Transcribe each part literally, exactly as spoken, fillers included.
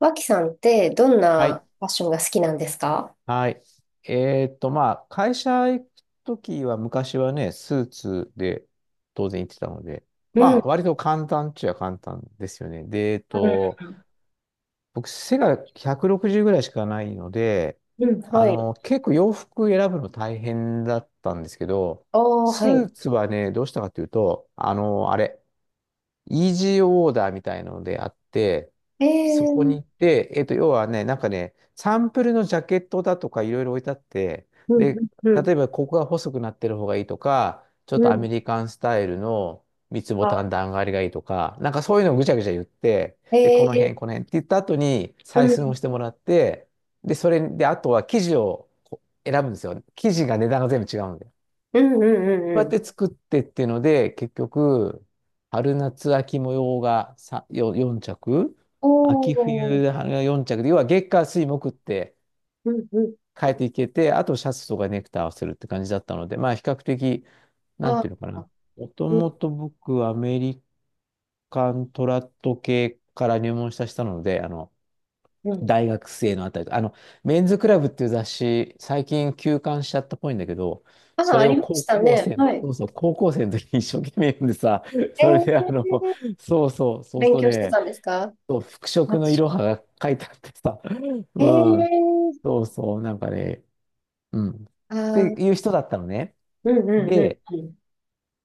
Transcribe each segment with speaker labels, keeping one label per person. Speaker 1: 脇さんってどん
Speaker 2: はい。
Speaker 1: なファッションが好きなんですか？
Speaker 2: はい。えーっと、まあ、会社行くときは、昔はね、スーツで当然行ってたので、
Speaker 1: う
Speaker 2: ま
Speaker 1: ん、う
Speaker 2: あ、
Speaker 1: ん、
Speaker 2: 割と簡単っちゃ簡単ですよね。で、えーっと、僕、背がひゃくろくじゅうぐらいしかないので、
Speaker 1: うん、
Speaker 2: あ
Speaker 1: はい。
Speaker 2: の、結構洋服選ぶの大変だったんですけど、
Speaker 1: おー、は
Speaker 2: ス
Speaker 1: い。
Speaker 2: ーツはね、どうしたかというと、あの、あれ、イージーオーダーみたいのであって、
Speaker 1: え
Speaker 2: そこに
Speaker 1: ー、
Speaker 2: 行って、えっと、要はね、なんかね、サンプルのジャケットだとかいろいろ置いてあって、
Speaker 1: うん、
Speaker 2: で、
Speaker 1: うん、
Speaker 2: 例えばここが細くなってる方がいいとか、ちょっ
Speaker 1: う
Speaker 2: とア
Speaker 1: ん。
Speaker 2: メリカンスタイルの三つボタン
Speaker 1: あ、
Speaker 2: 段上がりがいいとか、なんかそういうのをぐちゃぐちゃ言って、で、こ
Speaker 1: え
Speaker 2: の辺、
Speaker 1: ー、
Speaker 2: この辺って言った後に
Speaker 1: う
Speaker 2: 採寸を
Speaker 1: ん、
Speaker 2: してもらって、で、それで、あとは生地をこう選ぶんですよ。生地が値段が全部違うんで。
Speaker 1: うん、うん、う
Speaker 2: う
Speaker 1: ん
Speaker 2: や
Speaker 1: う
Speaker 2: っ
Speaker 1: ん。
Speaker 2: て作ってっていうので、結局、春夏秋模様がさよよん着、
Speaker 1: お
Speaker 2: 秋
Speaker 1: ー、
Speaker 2: 冬がよん着で、要は月火水木って
Speaker 1: うん、うん。
Speaker 2: 変えていけて、あとシャツとかネクタイ合わせるって感じだったので、まあ比較的、なんて
Speaker 1: あ、
Speaker 2: いうのかな。もと
Speaker 1: うん、
Speaker 2: もと僕、アメリカントラット系から入門したしたので、あの、
Speaker 1: うん。
Speaker 2: 大学生のあたりと、あの、メンズクラブっていう雑誌、最近休刊しちゃったっぽいんだけど、そ
Speaker 1: あ、あ
Speaker 2: れ
Speaker 1: り
Speaker 2: を
Speaker 1: まし
Speaker 2: 高
Speaker 1: た
Speaker 2: 校
Speaker 1: ね。
Speaker 2: 生、
Speaker 1: は
Speaker 2: そ
Speaker 1: い。
Speaker 2: うそう、高校生の時に一生懸命読んでさ、
Speaker 1: え
Speaker 2: それであの、
Speaker 1: ー、
Speaker 2: そうそう、そう
Speaker 1: 勉
Speaker 2: そう
Speaker 1: 強して
Speaker 2: ね、
Speaker 1: たんですか？
Speaker 2: そう、服
Speaker 1: ファ
Speaker 2: 飾
Speaker 1: ッ
Speaker 2: のい
Speaker 1: シ
Speaker 2: ろ
Speaker 1: ョ
Speaker 2: は
Speaker 1: ン。
Speaker 2: が書いてあってさ、
Speaker 1: え
Speaker 2: うん、
Speaker 1: ー、
Speaker 2: そうそう、なんかね、うん、っ
Speaker 1: あ
Speaker 2: て
Speaker 1: ー、
Speaker 2: いう人だったのね。
Speaker 1: うん、うん、う
Speaker 2: で、
Speaker 1: ん、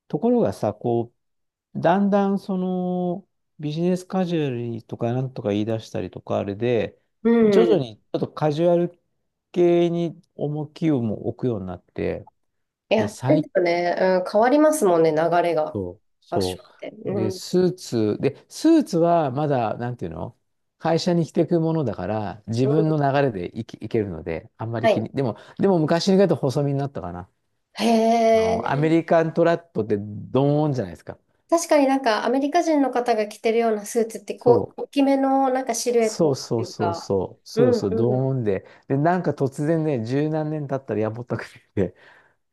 Speaker 2: ところがさ、こう、だんだんそのビジネスカジュアルとかなんとか言い出したりとかあれで、
Speaker 1: う
Speaker 2: 徐
Speaker 1: ん。う
Speaker 2: 々
Speaker 1: ん。
Speaker 2: にちょっとカジュアル系に重きをも置くようになって、
Speaker 1: い
Speaker 2: で、
Speaker 1: や、で
Speaker 2: 最近、
Speaker 1: すよね。うん、変わりますもんね、流れが。ファッショ
Speaker 2: そう。
Speaker 1: ン
Speaker 2: で、
Speaker 1: って。
Speaker 2: スーツ、で、スーツはまだ、なんていうの会社に着ていくものだから、自
Speaker 1: う
Speaker 2: 分
Speaker 1: ん、
Speaker 2: の流れでいき、いけるので、あんま
Speaker 1: は
Speaker 2: り気
Speaker 1: い。
Speaker 2: に、でも、でも昔に比べると細身になったかな。
Speaker 1: へ
Speaker 2: あの、アメ
Speaker 1: え。
Speaker 2: リカントラットってドーンじゃないですか。
Speaker 1: 確かになんかアメリカ人の方が着てるようなスーツって
Speaker 2: そ
Speaker 1: こう、大
Speaker 2: う。
Speaker 1: きめのなんかシルエット
Speaker 2: そ
Speaker 1: っ
Speaker 2: うそ
Speaker 1: てい
Speaker 2: う
Speaker 1: う
Speaker 2: そう
Speaker 1: か。
Speaker 2: そう、
Speaker 1: う
Speaker 2: そ
Speaker 1: ん
Speaker 2: うそう、ド
Speaker 1: うん。
Speaker 2: ーンで、で、なんか突然ね、十何年経ったらやぼったくて、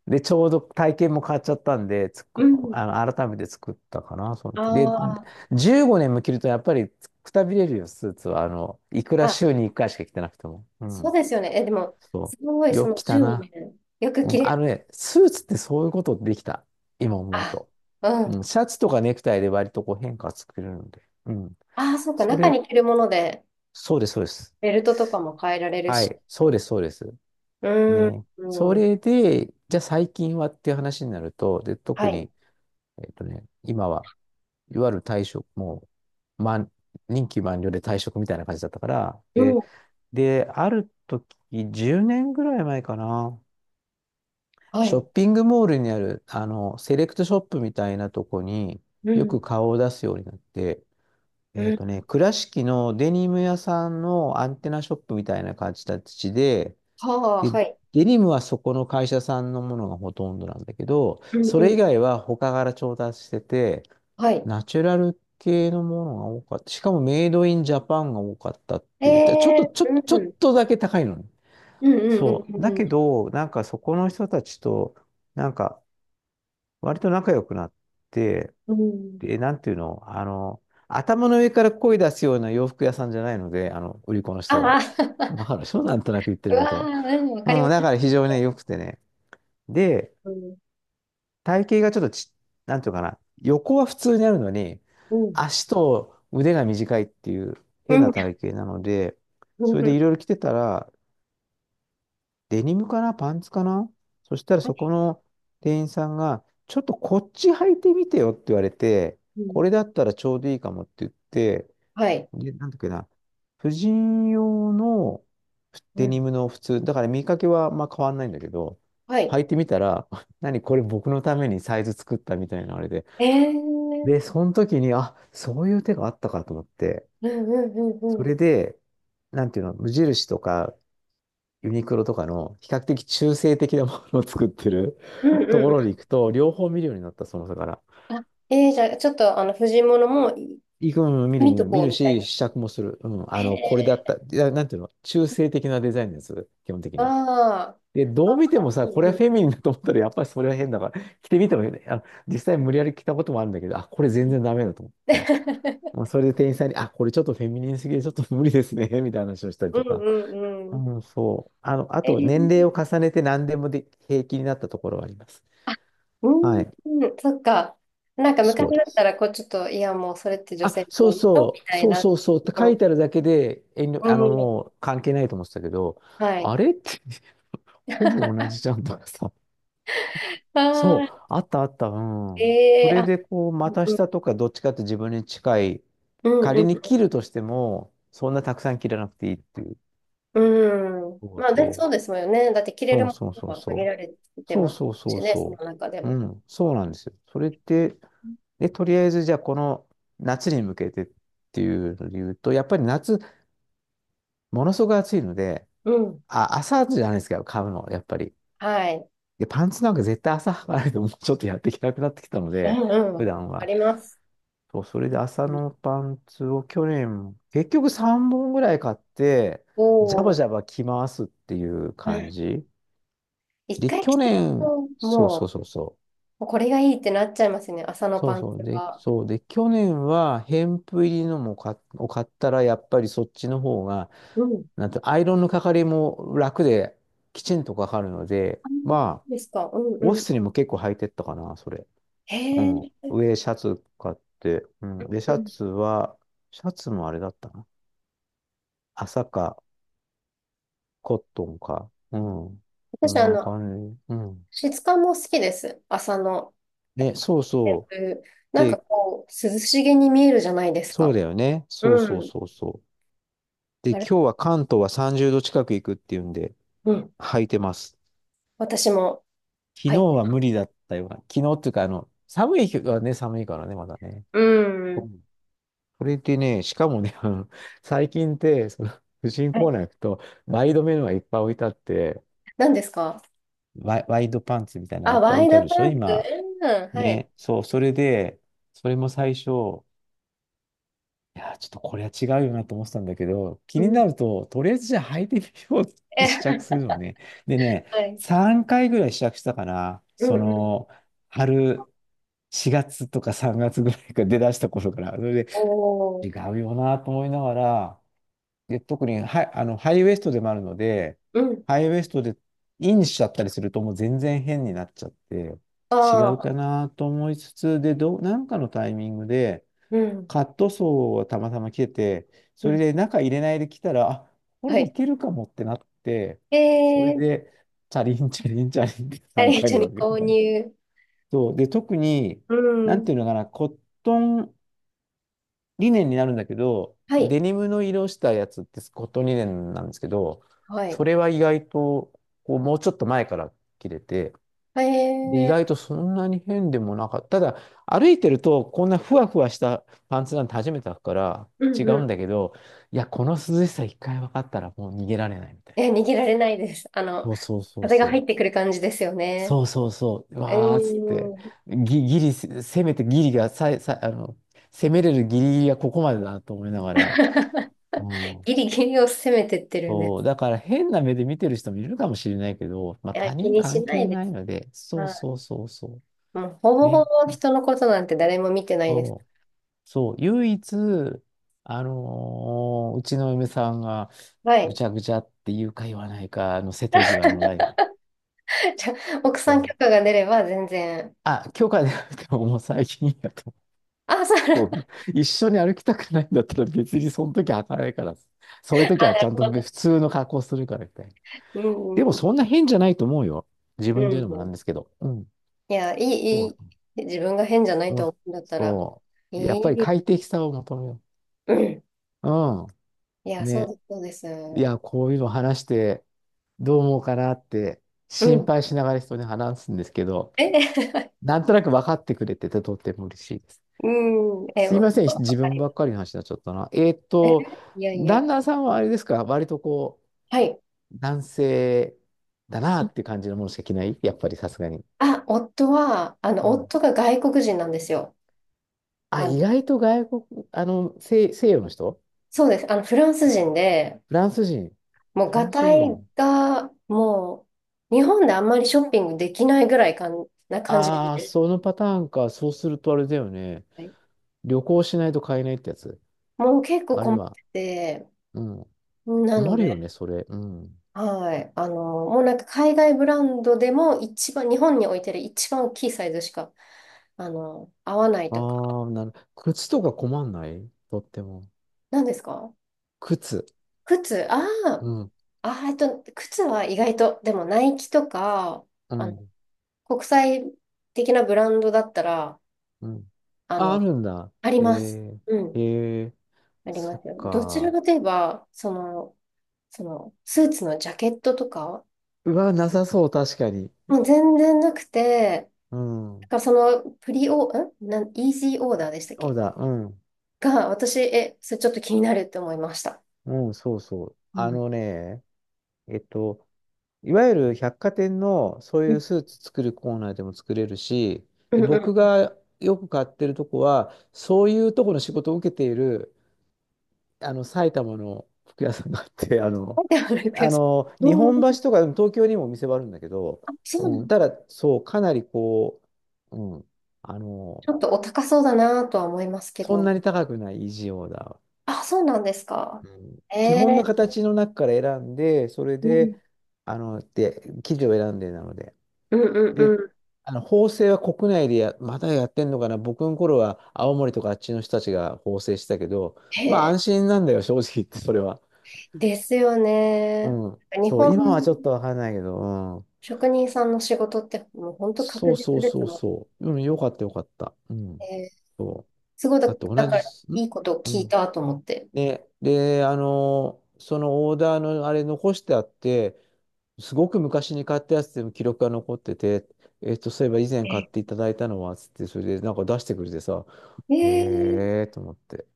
Speaker 2: で、ちょうど体験も変わっちゃったんで、つ
Speaker 1: う
Speaker 2: く、
Speaker 1: ん。
Speaker 2: あの、改めて作ったかな、その時。で、
Speaker 1: ああ、
Speaker 2: じゅうごねんも着るとやっぱりくたびれるよ、スーツは。あの、いくら
Speaker 1: まあ、
Speaker 2: 週にいっかいしか着てなくても。う
Speaker 1: そう
Speaker 2: ん、
Speaker 1: ですよね。え、でも、
Speaker 2: そ
Speaker 1: すご
Speaker 2: う。
Speaker 1: いそ
Speaker 2: よく
Speaker 1: の
Speaker 2: 着た
Speaker 1: 15
Speaker 2: な。
Speaker 1: 年、よく
Speaker 2: うん、
Speaker 1: 着れ
Speaker 2: あ
Speaker 1: る。
Speaker 2: のね、スーツってそういうことできた。今思う
Speaker 1: あ、
Speaker 2: と。
Speaker 1: う
Speaker 2: うん、
Speaker 1: ん。
Speaker 2: シャツとかネクタイで割とこう変化作れるので。うん。
Speaker 1: ああ、そうか。
Speaker 2: そ
Speaker 1: 中
Speaker 2: れ、
Speaker 1: に着るもので、
Speaker 2: そうです、そうです。
Speaker 1: ベルトとかも変えられる
Speaker 2: は
Speaker 1: し。
Speaker 2: い、そうです、そうです。
Speaker 1: うん。
Speaker 2: ね。そ
Speaker 1: うん。
Speaker 2: れで、じゃあ最近はっていう話になると、で、
Speaker 1: は
Speaker 2: 特
Speaker 1: い。
Speaker 2: に、えっとね、今は、いわゆる退職、もう、満、任期満了で退職みたいな感じだったから、
Speaker 1: う
Speaker 2: で、
Speaker 1: ん。
Speaker 2: で、ある時、じゅうねんぐらい前かな、
Speaker 1: は
Speaker 2: ショッ
Speaker 1: い。
Speaker 2: ピングモールにある、あの、セレクトショップみたいなとこに
Speaker 1: う
Speaker 2: よ
Speaker 1: ん。
Speaker 2: く顔を出すようになって、え
Speaker 1: う
Speaker 2: っ
Speaker 1: ん。
Speaker 2: とね、倉敷のデニム屋さんのアンテナショップみたいな感じで、
Speaker 1: はあ、
Speaker 2: で、
Speaker 1: はい。
Speaker 2: デニムはそこの会社さんのものがほとんどなんだけど、
Speaker 1: うん
Speaker 2: そ
Speaker 1: う
Speaker 2: れ以
Speaker 1: ん。
Speaker 2: 外は他から調達してて、
Speaker 1: はい。
Speaker 2: ナチュラル系のものが多かった。しかもメイドインジャパンが多かったっ
Speaker 1: え
Speaker 2: て言ったら。ちょっ
Speaker 1: え、
Speaker 2: と、ちょっと、ちょ
Speaker 1: う
Speaker 2: っ
Speaker 1: ん。
Speaker 2: とだけ高いのね。
Speaker 1: うんうんう
Speaker 2: そう。
Speaker 1: んう
Speaker 2: だけ
Speaker 1: ん
Speaker 2: ど、なんかそこの人たちと、なんか、割と仲良くなって、
Speaker 1: うん。
Speaker 2: で、なんていうの、あの、頭の上から声出すような洋服屋さんじゃないので、あの、売り子の人
Speaker 1: あ
Speaker 2: が。
Speaker 1: あ、
Speaker 2: わかるでしょなんとなく言って
Speaker 1: う
Speaker 2: るこ
Speaker 1: わあ、
Speaker 2: と。
Speaker 1: うん、わかり
Speaker 2: う
Speaker 1: ま
Speaker 2: ん、だ
Speaker 1: す。
Speaker 2: から非常にね良くてね。で、
Speaker 1: うん、
Speaker 2: 体型がちょっとち、なんていうのかな、横は普通にあるのに、
Speaker 1: うん、
Speaker 2: 足と腕が短いっていう
Speaker 1: う
Speaker 2: 変な
Speaker 1: ん、
Speaker 2: 体型なので、
Speaker 1: う
Speaker 2: それでい
Speaker 1: ん、
Speaker 2: ろいろ着てたら、デニムかなパンツかなそしたらそこの店員さんが、ちょっとこっち履いてみてよって言われて、
Speaker 1: うん、
Speaker 2: これだったらちょうどいいかもって言って、
Speaker 1: はい、
Speaker 2: で、なんだっけな。婦人用の
Speaker 1: う
Speaker 2: デニ
Speaker 1: ん、
Speaker 2: ムの普通、だから見かけはまあ変わんないんだけど、
Speaker 1: はい。
Speaker 2: 履いてみたら、何これ僕のためにサイズ作ったみたいなあれで。
Speaker 1: ええー、
Speaker 2: で、その時に、あ、そういう手があったかと思って、
Speaker 1: うん、うん、うん、う
Speaker 2: それ
Speaker 1: ん、
Speaker 2: で、なんていうの、無印とかユニクロとかの比較的中性的なものを作ってる
Speaker 1: うん、う
Speaker 2: とこ
Speaker 1: ん。う
Speaker 2: ろに
Speaker 1: ん、
Speaker 2: 行くと、両方見るようになった、その差から。
Speaker 1: あ、えー、じゃあ、ちょっと、あの、藤物も
Speaker 2: 行くの見る
Speaker 1: 見
Speaker 2: 見
Speaker 1: と
Speaker 2: る見
Speaker 1: こう
Speaker 2: る
Speaker 1: みたい
Speaker 2: し、
Speaker 1: な。
Speaker 2: 試着もする。うん。
Speaker 1: え
Speaker 2: あの、これだっ
Speaker 1: ー、
Speaker 2: た。いや、なんていうの中性的なデザインです。基本的
Speaker 1: あ
Speaker 2: に。
Speaker 1: あ、
Speaker 2: で、どう見て
Speaker 1: あ
Speaker 2: もさ、
Speaker 1: ー
Speaker 2: こ
Speaker 1: うん、
Speaker 2: れは
Speaker 1: う
Speaker 2: フ
Speaker 1: ん。
Speaker 2: ェミニンだと思ったら、やっぱりそれは変だから、着てみてもいいね。あの、実際無理やり着たこともあるんだけど、あ、これ全然ダメだと思ってさ。もうそれで店員さんに、あ、これちょっとフェミニンすぎて、ちょっと無理ですね、みたいな話をしたり
Speaker 1: う
Speaker 2: と
Speaker 1: ん、
Speaker 2: か。
Speaker 1: うん、
Speaker 2: う
Speaker 1: うん。
Speaker 2: ん、そう。あの、あ
Speaker 1: え
Speaker 2: と、年齢を
Speaker 1: ー、
Speaker 2: 重ねて何でもで平気になったところはあります。
Speaker 1: あ、う
Speaker 2: は
Speaker 1: ん、
Speaker 2: い。
Speaker 1: うん、そっか。なんか昔
Speaker 2: そうで
Speaker 1: だった
Speaker 2: す。
Speaker 1: ら、こう、ちょっと、いや、もう、それって女性
Speaker 2: あ、
Speaker 1: の
Speaker 2: そう
Speaker 1: ものみ
Speaker 2: そう、
Speaker 1: たい
Speaker 2: そう
Speaker 1: なと
Speaker 2: そうそうって
Speaker 1: こ
Speaker 2: 書い
Speaker 1: ろ。
Speaker 2: てあるだけで、遠慮、
Speaker 1: う
Speaker 2: あの、
Speaker 1: ん、
Speaker 2: もう関係ないと思ってたけど、
Speaker 1: はい。
Speaker 2: あれって ほぼ同じじゃんとかさ。
Speaker 1: あ
Speaker 2: そ
Speaker 1: あ、
Speaker 2: う、あったあった、うん。
Speaker 1: え
Speaker 2: そ
Speaker 1: え、
Speaker 2: れ
Speaker 1: あ、
Speaker 2: でこう、股
Speaker 1: うん、
Speaker 2: 下とかどっちかって自分に近い、
Speaker 1: うん、う
Speaker 2: 仮に
Speaker 1: ん。
Speaker 2: 切るとしても、そんなたくさん切らなくていいっていう。
Speaker 1: うん、
Speaker 2: そう
Speaker 1: まあ、で、そ
Speaker 2: そう。
Speaker 1: うですよね。だって着れる
Speaker 2: そう
Speaker 1: も
Speaker 2: そう
Speaker 1: の
Speaker 2: そう
Speaker 1: が
Speaker 2: そ
Speaker 1: 限
Speaker 2: う。
Speaker 1: られて
Speaker 2: そう
Speaker 1: ます
Speaker 2: そうそう
Speaker 1: しね、その
Speaker 2: そ
Speaker 1: 中で
Speaker 2: う。う
Speaker 1: も。
Speaker 2: ん、そうなんですよ。それって、で、とりあえずじゃあこの夏に向けてっていうので言うと、やっぱり夏、ものすごく暑いので、
Speaker 1: うん。
Speaker 2: あ、朝じゃないですか、買うの、やっぱり。
Speaker 1: はい。
Speaker 2: で、パンツなんか絶対朝履かないともうちょっとやっていけなくなってきたの
Speaker 1: う
Speaker 2: で、
Speaker 1: ん、う
Speaker 2: 普
Speaker 1: ん。
Speaker 2: 段
Speaker 1: あ
Speaker 2: は。
Speaker 1: ります。
Speaker 2: そう、それで朝のパンツを去年、結局さんぼんぐらい買って、
Speaker 1: お
Speaker 2: ジャバ
Speaker 1: お、
Speaker 2: ジャバ着回すっていう
Speaker 1: う
Speaker 2: 感
Speaker 1: ん、
Speaker 2: じ。
Speaker 1: 一
Speaker 2: で、
Speaker 1: 回着
Speaker 2: 去
Speaker 1: ちゃう
Speaker 2: 年、
Speaker 1: と、
Speaker 2: そうそう
Speaker 1: も
Speaker 2: そうそう
Speaker 1: う、もうこれがいいってなっちゃいますよね、朝の
Speaker 2: そう
Speaker 1: パン
Speaker 2: そう。
Speaker 1: ツ
Speaker 2: で、
Speaker 1: が。
Speaker 2: そう。で、去年は、ヘンプ入りのも買っ、を買ったら、やっぱりそっちの方が、
Speaker 1: うん。
Speaker 2: なんと、アイロンのかかりも楽で、きちんとかかるので、
Speaker 1: あ、
Speaker 2: まあ、
Speaker 1: ですか。うんう
Speaker 2: オフィ
Speaker 1: ん。
Speaker 2: スにも結構履いてったかな、それ。
Speaker 1: へ
Speaker 2: う
Speaker 1: え。
Speaker 2: ん。
Speaker 1: う
Speaker 2: 上、シャツ買って、う
Speaker 1: ん
Speaker 2: ん。で、シ
Speaker 1: う
Speaker 2: ャツ
Speaker 1: ん、
Speaker 2: は、シャツもあれだったな。朝か、コットンか。うん。そ
Speaker 1: 私、
Speaker 2: ん
Speaker 1: あ
Speaker 2: な
Speaker 1: の、
Speaker 2: 感じ。うん。
Speaker 1: 質感も好きです。朝の。
Speaker 2: ね、そう
Speaker 1: えっ
Speaker 2: そう。
Speaker 1: となんか
Speaker 2: で、
Speaker 1: こう、涼しげに見えるじゃないです
Speaker 2: そう
Speaker 1: か。
Speaker 2: だよね。そう
Speaker 1: う
Speaker 2: そう
Speaker 1: ん。
Speaker 2: そうそう。で、
Speaker 1: あ
Speaker 2: 今
Speaker 1: れ、
Speaker 2: 日は関東はさんじゅうど近く行くっていうんで、
Speaker 1: うん。
Speaker 2: 履いてます。
Speaker 1: 私も
Speaker 2: 昨
Speaker 1: 履い
Speaker 2: 日
Speaker 1: て。
Speaker 2: は無理だったような。昨日っていうか、あの、寒い日はね、寒いからね、まだね。
Speaker 1: う
Speaker 2: う
Speaker 1: ん。
Speaker 2: ん。それでね、しかもね、あの、最近って、その、婦人
Speaker 1: は
Speaker 2: コー
Speaker 1: い。
Speaker 2: ナー行くと、ワイドメのがいっぱい置いてあって、
Speaker 1: 何ですか？
Speaker 2: ワイ、ワイドパンツみたいなのがい
Speaker 1: あ、
Speaker 2: っぱい
Speaker 1: ワ
Speaker 2: 置
Speaker 1: イ
Speaker 2: いてあ
Speaker 1: ド
Speaker 2: るでし
Speaker 1: パ
Speaker 2: ょ、
Speaker 1: ンツ。
Speaker 2: 今。
Speaker 1: うん、はい。
Speaker 2: ね。そう、それで、それも最初、いやー、ちょっとこれは違うよなと思ってたんだけど、
Speaker 1: う
Speaker 2: 気に
Speaker 1: ん。
Speaker 2: なると、とりあえずじゃあ履いてみようって
Speaker 1: え、
Speaker 2: 試着す るのね。でね、
Speaker 1: はい。
Speaker 2: さんかいぐらい試着したかな。
Speaker 1: うん。
Speaker 2: そ
Speaker 1: うん。
Speaker 2: の、春、しがつとかさんがつぐらいから出だした頃から。それで、
Speaker 1: お
Speaker 2: 違
Speaker 1: ー。
Speaker 2: うよなと思いながら、で、特にハイ、あの、ハイウエストでもあるので、
Speaker 1: うん。
Speaker 2: ハイウエストでインしちゃったりするともう全然変になっちゃって、違
Speaker 1: あ
Speaker 2: うか
Speaker 1: あ、
Speaker 2: なと思いつつ、で、どう、なんかのタイミングで、
Speaker 1: うん。
Speaker 2: カットソーをたまたま着てて、
Speaker 1: う
Speaker 2: それ
Speaker 1: ん、
Speaker 2: で中入れないで来たら、あ、こ
Speaker 1: は
Speaker 2: れい
Speaker 1: い。
Speaker 2: けるかもってなって、それ
Speaker 1: えー、
Speaker 2: で、チャリンチャリンチャリンって
Speaker 1: あ
Speaker 2: 3
Speaker 1: りが
Speaker 2: 回
Speaker 1: と
Speaker 2: に
Speaker 1: うに
Speaker 2: 分けて
Speaker 1: 購
Speaker 2: たね。
Speaker 1: 入。
Speaker 2: そう。で、特に、
Speaker 1: う
Speaker 2: なん
Speaker 1: ん。
Speaker 2: ていうのかな、コットンリネンになるんだけど、
Speaker 1: はい。
Speaker 2: デニムの色したやつってコットンリネンなんですけど、
Speaker 1: は
Speaker 2: そ
Speaker 1: い。
Speaker 2: れは意外と、こう、もうちょっと前から着れて、
Speaker 1: え
Speaker 2: で意
Speaker 1: ー、
Speaker 2: 外とそんなに変でもなかった。ただ、歩いてると、こんなふわふわしたパンツなんて初めて履くから
Speaker 1: う
Speaker 2: 違
Speaker 1: ん。う
Speaker 2: うんだ
Speaker 1: ん、
Speaker 2: けど、いや、この涼しさ一回分かったらもう逃げられないみたいな。
Speaker 1: え、逃げられないです。あの、
Speaker 2: そうそうそう
Speaker 1: 風が
Speaker 2: そ
Speaker 1: 入
Speaker 2: う。
Speaker 1: ってくる感じですよね。
Speaker 2: そうそうそう。うわーっつって、
Speaker 1: うん。
Speaker 2: ギ、ギリ、せめてギリがささあの、攻めれるギリギリがここまでだなと思いながら、うん。
Speaker 1: ギリギリを攻めてってるんで
Speaker 2: そう、
Speaker 1: す。
Speaker 2: だから変な目で見てる人もいるかもしれないけど、まあ
Speaker 1: いや、
Speaker 2: 他
Speaker 1: 気
Speaker 2: 人
Speaker 1: にし
Speaker 2: 関
Speaker 1: な
Speaker 2: 係
Speaker 1: いで
Speaker 2: ない
Speaker 1: す。
Speaker 2: ので、そう
Speaker 1: はい。
Speaker 2: そうそうそ
Speaker 1: もう、ほ
Speaker 2: う。
Speaker 1: ぼほ
Speaker 2: ね。
Speaker 1: ぼ人のことなんて誰も見てないです。
Speaker 2: そうそう、唯一、あのーうちの嫁さんが、
Speaker 1: は
Speaker 2: ぐ
Speaker 1: い。
Speaker 2: ちゃぐちゃって言うか言わないか、あの、瀬戸際のラインが。
Speaker 1: じゃあ、奥
Speaker 2: そ
Speaker 1: さん許可
Speaker 2: う。
Speaker 1: が出れば全然。
Speaker 2: あ、許可でなくてももう最近やと。
Speaker 1: あ、そうな
Speaker 2: う
Speaker 1: る
Speaker 2: 一緒に歩きたくないんだったら別にその時は履かないから。そういう時はちゃん
Speaker 1: ほ
Speaker 2: と普
Speaker 1: ど。
Speaker 2: 通の格好するからみたいな。
Speaker 1: うん
Speaker 2: でも
Speaker 1: う
Speaker 2: そ
Speaker 1: ん
Speaker 2: んな変じゃないと思うよ。自
Speaker 1: うん。
Speaker 2: 分で言うのも
Speaker 1: う
Speaker 2: なん
Speaker 1: ん。
Speaker 2: ですけど。うん。
Speaker 1: いや、い
Speaker 2: そ
Speaker 1: い、いい。
Speaker 2: う。
Speaker 1: 自分が変じゃない
Speaker 2: う
Speaker 1: と
Speaker 2: ん
Speaker 1: 思うんだったら、
Speaker 2: そ
Speaker 1: い
Speaker 2: う。やっぱり
Speaker 1: い。
Speaker 2: 快適さを求めよ
Speaker 1: うん。
Speaker 2: う。う
Speaker 1: い
Speaker 2: ん。
Speaker 1: や、そう
Speaker 2: ね。
Speaker 1: です、そうです。
Speaker 2: いや、こういうの話してどう思うかなって
Speaker 1: う
Speaker 2: 心
Speaker 1: ん。
Speaker 2: 配しながら人に話すんですけど、
Speaker 1: え、
Speaker 2: なんとなく分かってくれててとっても嬉しいです。
Speaker 1: うん。え、
Speaker 2: すい
Speaker 1: わ
Speaker 2: ません、自
Speaker 1: か
Speaker 2: 分
Speaker 1: りま
Speaker 2: ば
Speaker 1: す。
Speaker 2: っかりの話になっちゃったな。えーっ
Speaker 1: え、
Speaker 2: と、
Speaker 1: いやいや。
Speaker 2: 旦那さんはあれですか、割とこ
Speaker 1: はい。
Speaker 2: う、男性だなっていう感じのものしか着ないやっぱりさすがに。
Speaker 1: あ、夫は、あ
Speaker 2: う
Speaker 1: の、
Speaker 2: ん。
Speaker 1: 夫が外国人なんですよ。
Speaker 2: あ、
Speaker 1: あ、
Speaker 2: 意外と外国、あの、西、西洋の人、
Speaker 1: そうです。あの、フランス人で、
Speaker 2: フランス人。
Speaker 1: もう、
Speaker 2: フ
Speaker 1: ガ
Speaker 2: ランス
Speaker 1: タイ
Speaker 2: 人、
Speaker 1: が、もう、日本であんまりショッピングできないぐらいかんな感じ
Speaker 2: ああ
Speaker 1: で、
Speaker 2: そのパターンか。そうするとあれだよね。
Speaker 1: はい、
Speaker 2: 旅行しないと買えないってやつ。
Speaker 1: もう結構
Speaker 2: あるい
Speaker 1: 困っ
Speaker 2: は、
Speaker 1: てて、
Speaker 2: うん。
Speaker 1: なの
Speaker 2: 困るよ
Speaker 1: で、
Speaker 2: ね、それ。うん。
Speaker 1: はい。あの、もうなんか海外ブランドでも一番、日本に置いてる一番大きいサイズしか、あの、合わないとか。
Speaker 2: ああ、なる。靴とか困んないとっても。
Speaker 1: 何ですか？
Speaker 2: 靴。
Speaker 1: 靴、ああ、
Speaker 2: うん。
Speaker 1: あー、えっと、靴は意外と、でもナイキとか、
Speaker 2: う
Speaker 1: あの、
Speaker 2: ん。
Speaker 1: 国際的なブランドだったら、
Speaker 2: うん。
Speaker 1: あ
Speaker 2: あ、あ
Speaker 1: の、
Speaker 2: るんだ。
Speaker 1: あり
Speaker 2: え
Speaker 1: ます。う
Speaker 2: ー、
Speaker 1: ん。
Speaker 2: えー、
Speaker 1: あり
Speaker 2: そ
Speaker 1: ま
Speaker 2: っ
Speaker 1: すよ。どちら
Speaker 2: か。
Speaker 1: かといえば、その、その、スーツのジャケットとか、
Speaker 2: うわ、なさそう、確かに。
Speaker 1: もう全然なくて、
Speaker 2: う
Speaker 1: だ
Speaker 2: ん。
Speaker 1: からその、プリオ、んなん、イージーオーダーでしたっ
Speaker 2: そう
Speaker 1: け？
Speaker 2: だ、うん。
Speaker 1: が、私、え、それちょっと気になるって思いました。
Speaker 2: うん、そうそう。
Speaker 1: う
Speaker 2: あ
Speaker 1: ん。
Speaker 2: のね、えっと、いわゆる百貨店のそう
Speaker 1: う
Speaker 2: いう
Speaker 1: ん
Speaker 2: スーツ作るコーナーでも作れるし、
Speaker 1: う
Speaker 2: で、
Speaker 1: んう
Speaker 2: 僕
Speaker 1: ん。
Speaker 2: がよく買ってるとこは、そういうとこの仕事を受けているあの、埼玉の服屋さんがあって、あの、
Speaker 1: でもなんか、
Speaker 2: あの、日
Speaker 1: う
Speaker 2: 本
Speaker 1: ん、
Speaker 2: 橋とか、うん東京にもお店はあるんだけど、
Speaker 1: あ、そうな
Speaker 2: う
Speaker 1: の。
Speaker 2: ん、ただ、そう、かなりこう、うん、あ
Speaker 1: ち
Speaker 2: の、
Speaker 1: ょっとお高そうだなとは思いますけ
Speaker 2: そん
Speaker 1: ど。
Speaker 2: なに高くない維持だ。
Speaker 1: あ、そうなんですか。
Speaker 2: うん、
Speaker 1: え
Speaker 2: 基本の
Speaker 1: え、
Speaker 2: 形の中から選んで、それ
Speaker 1: うん
Speaker 2: で、あの、で、生地を選んでなので。
Speaker 1: うんうん
Speaker 2: で、
Speaker 1: うん。
Speaker 2: あの、縫製は国内でや、まだやってんのかな。僕の頃は青森とかあっちの人たちが縫製したけど、
Speaker 1: へ
Speaker 2: まあ
Speaker 1: え、
Speaker 2: 安心なんだよ、正直言って、それは。
Speaker 1: ですよね。
Speaker 2: うん。
Speaker 1: 日
Speaker 2: そう、
Speaker 1: 本
Speaker 2: 今はちょっとわかんないけど、うん。
Speaker 1: 職人さんの仕事ってもう本当
Speaker 2: そ
Speaker 1: 確
Speaker 2: うそ
Speaker 1: 実
Speaker 2: う
Speaker 1: です
Speaker 2: そう
Speaker 1: もん
Speaker 2: そう。うん、よかったよかった。うん。
Speaker 1: ね。
Speaker 2: そ
Speaker 1: すごい
Speaker 2: う。
Speaker 1: だ、
Speaker 2: だって
Speaker 1: だ
Speaker 2: 同
Speaker 1: か
Speaker 2: じ
Speaker 1: ら
Speaker 2: す、
Speaker 1: い
Speaker 2: ん
Speaker 1: いことを
Speaker 2: う
Speaker 1: 聞い
Speaker 2: ん。
Speaker 1: たと思って。
Speaker 2: で、で、あのーそのオーダーのあれ残してあって、すごく昔に買ったやつでも記録が残ってて、えっと、そういえば以前買っていただいたのは、つって、それでなんか出してくれてさ、
Speaker 1: え
Speaker 2: へ
Speaker 1: え、
Speaker 2: えーと思って、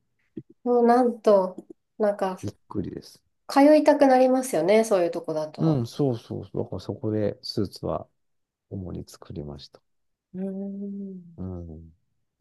Speaker 1: もうなんと、なんか
Speaker 2: びっくりです。
Speaker 1: 通いたくなりますよね、そういうとこだ
Speaker 2: う
Speaker 1: と。
Speaker 2: ん、そうそうそう。だからそこでスーツは主に作りました。
Speaker 1: うーん
Speaker 2: うん。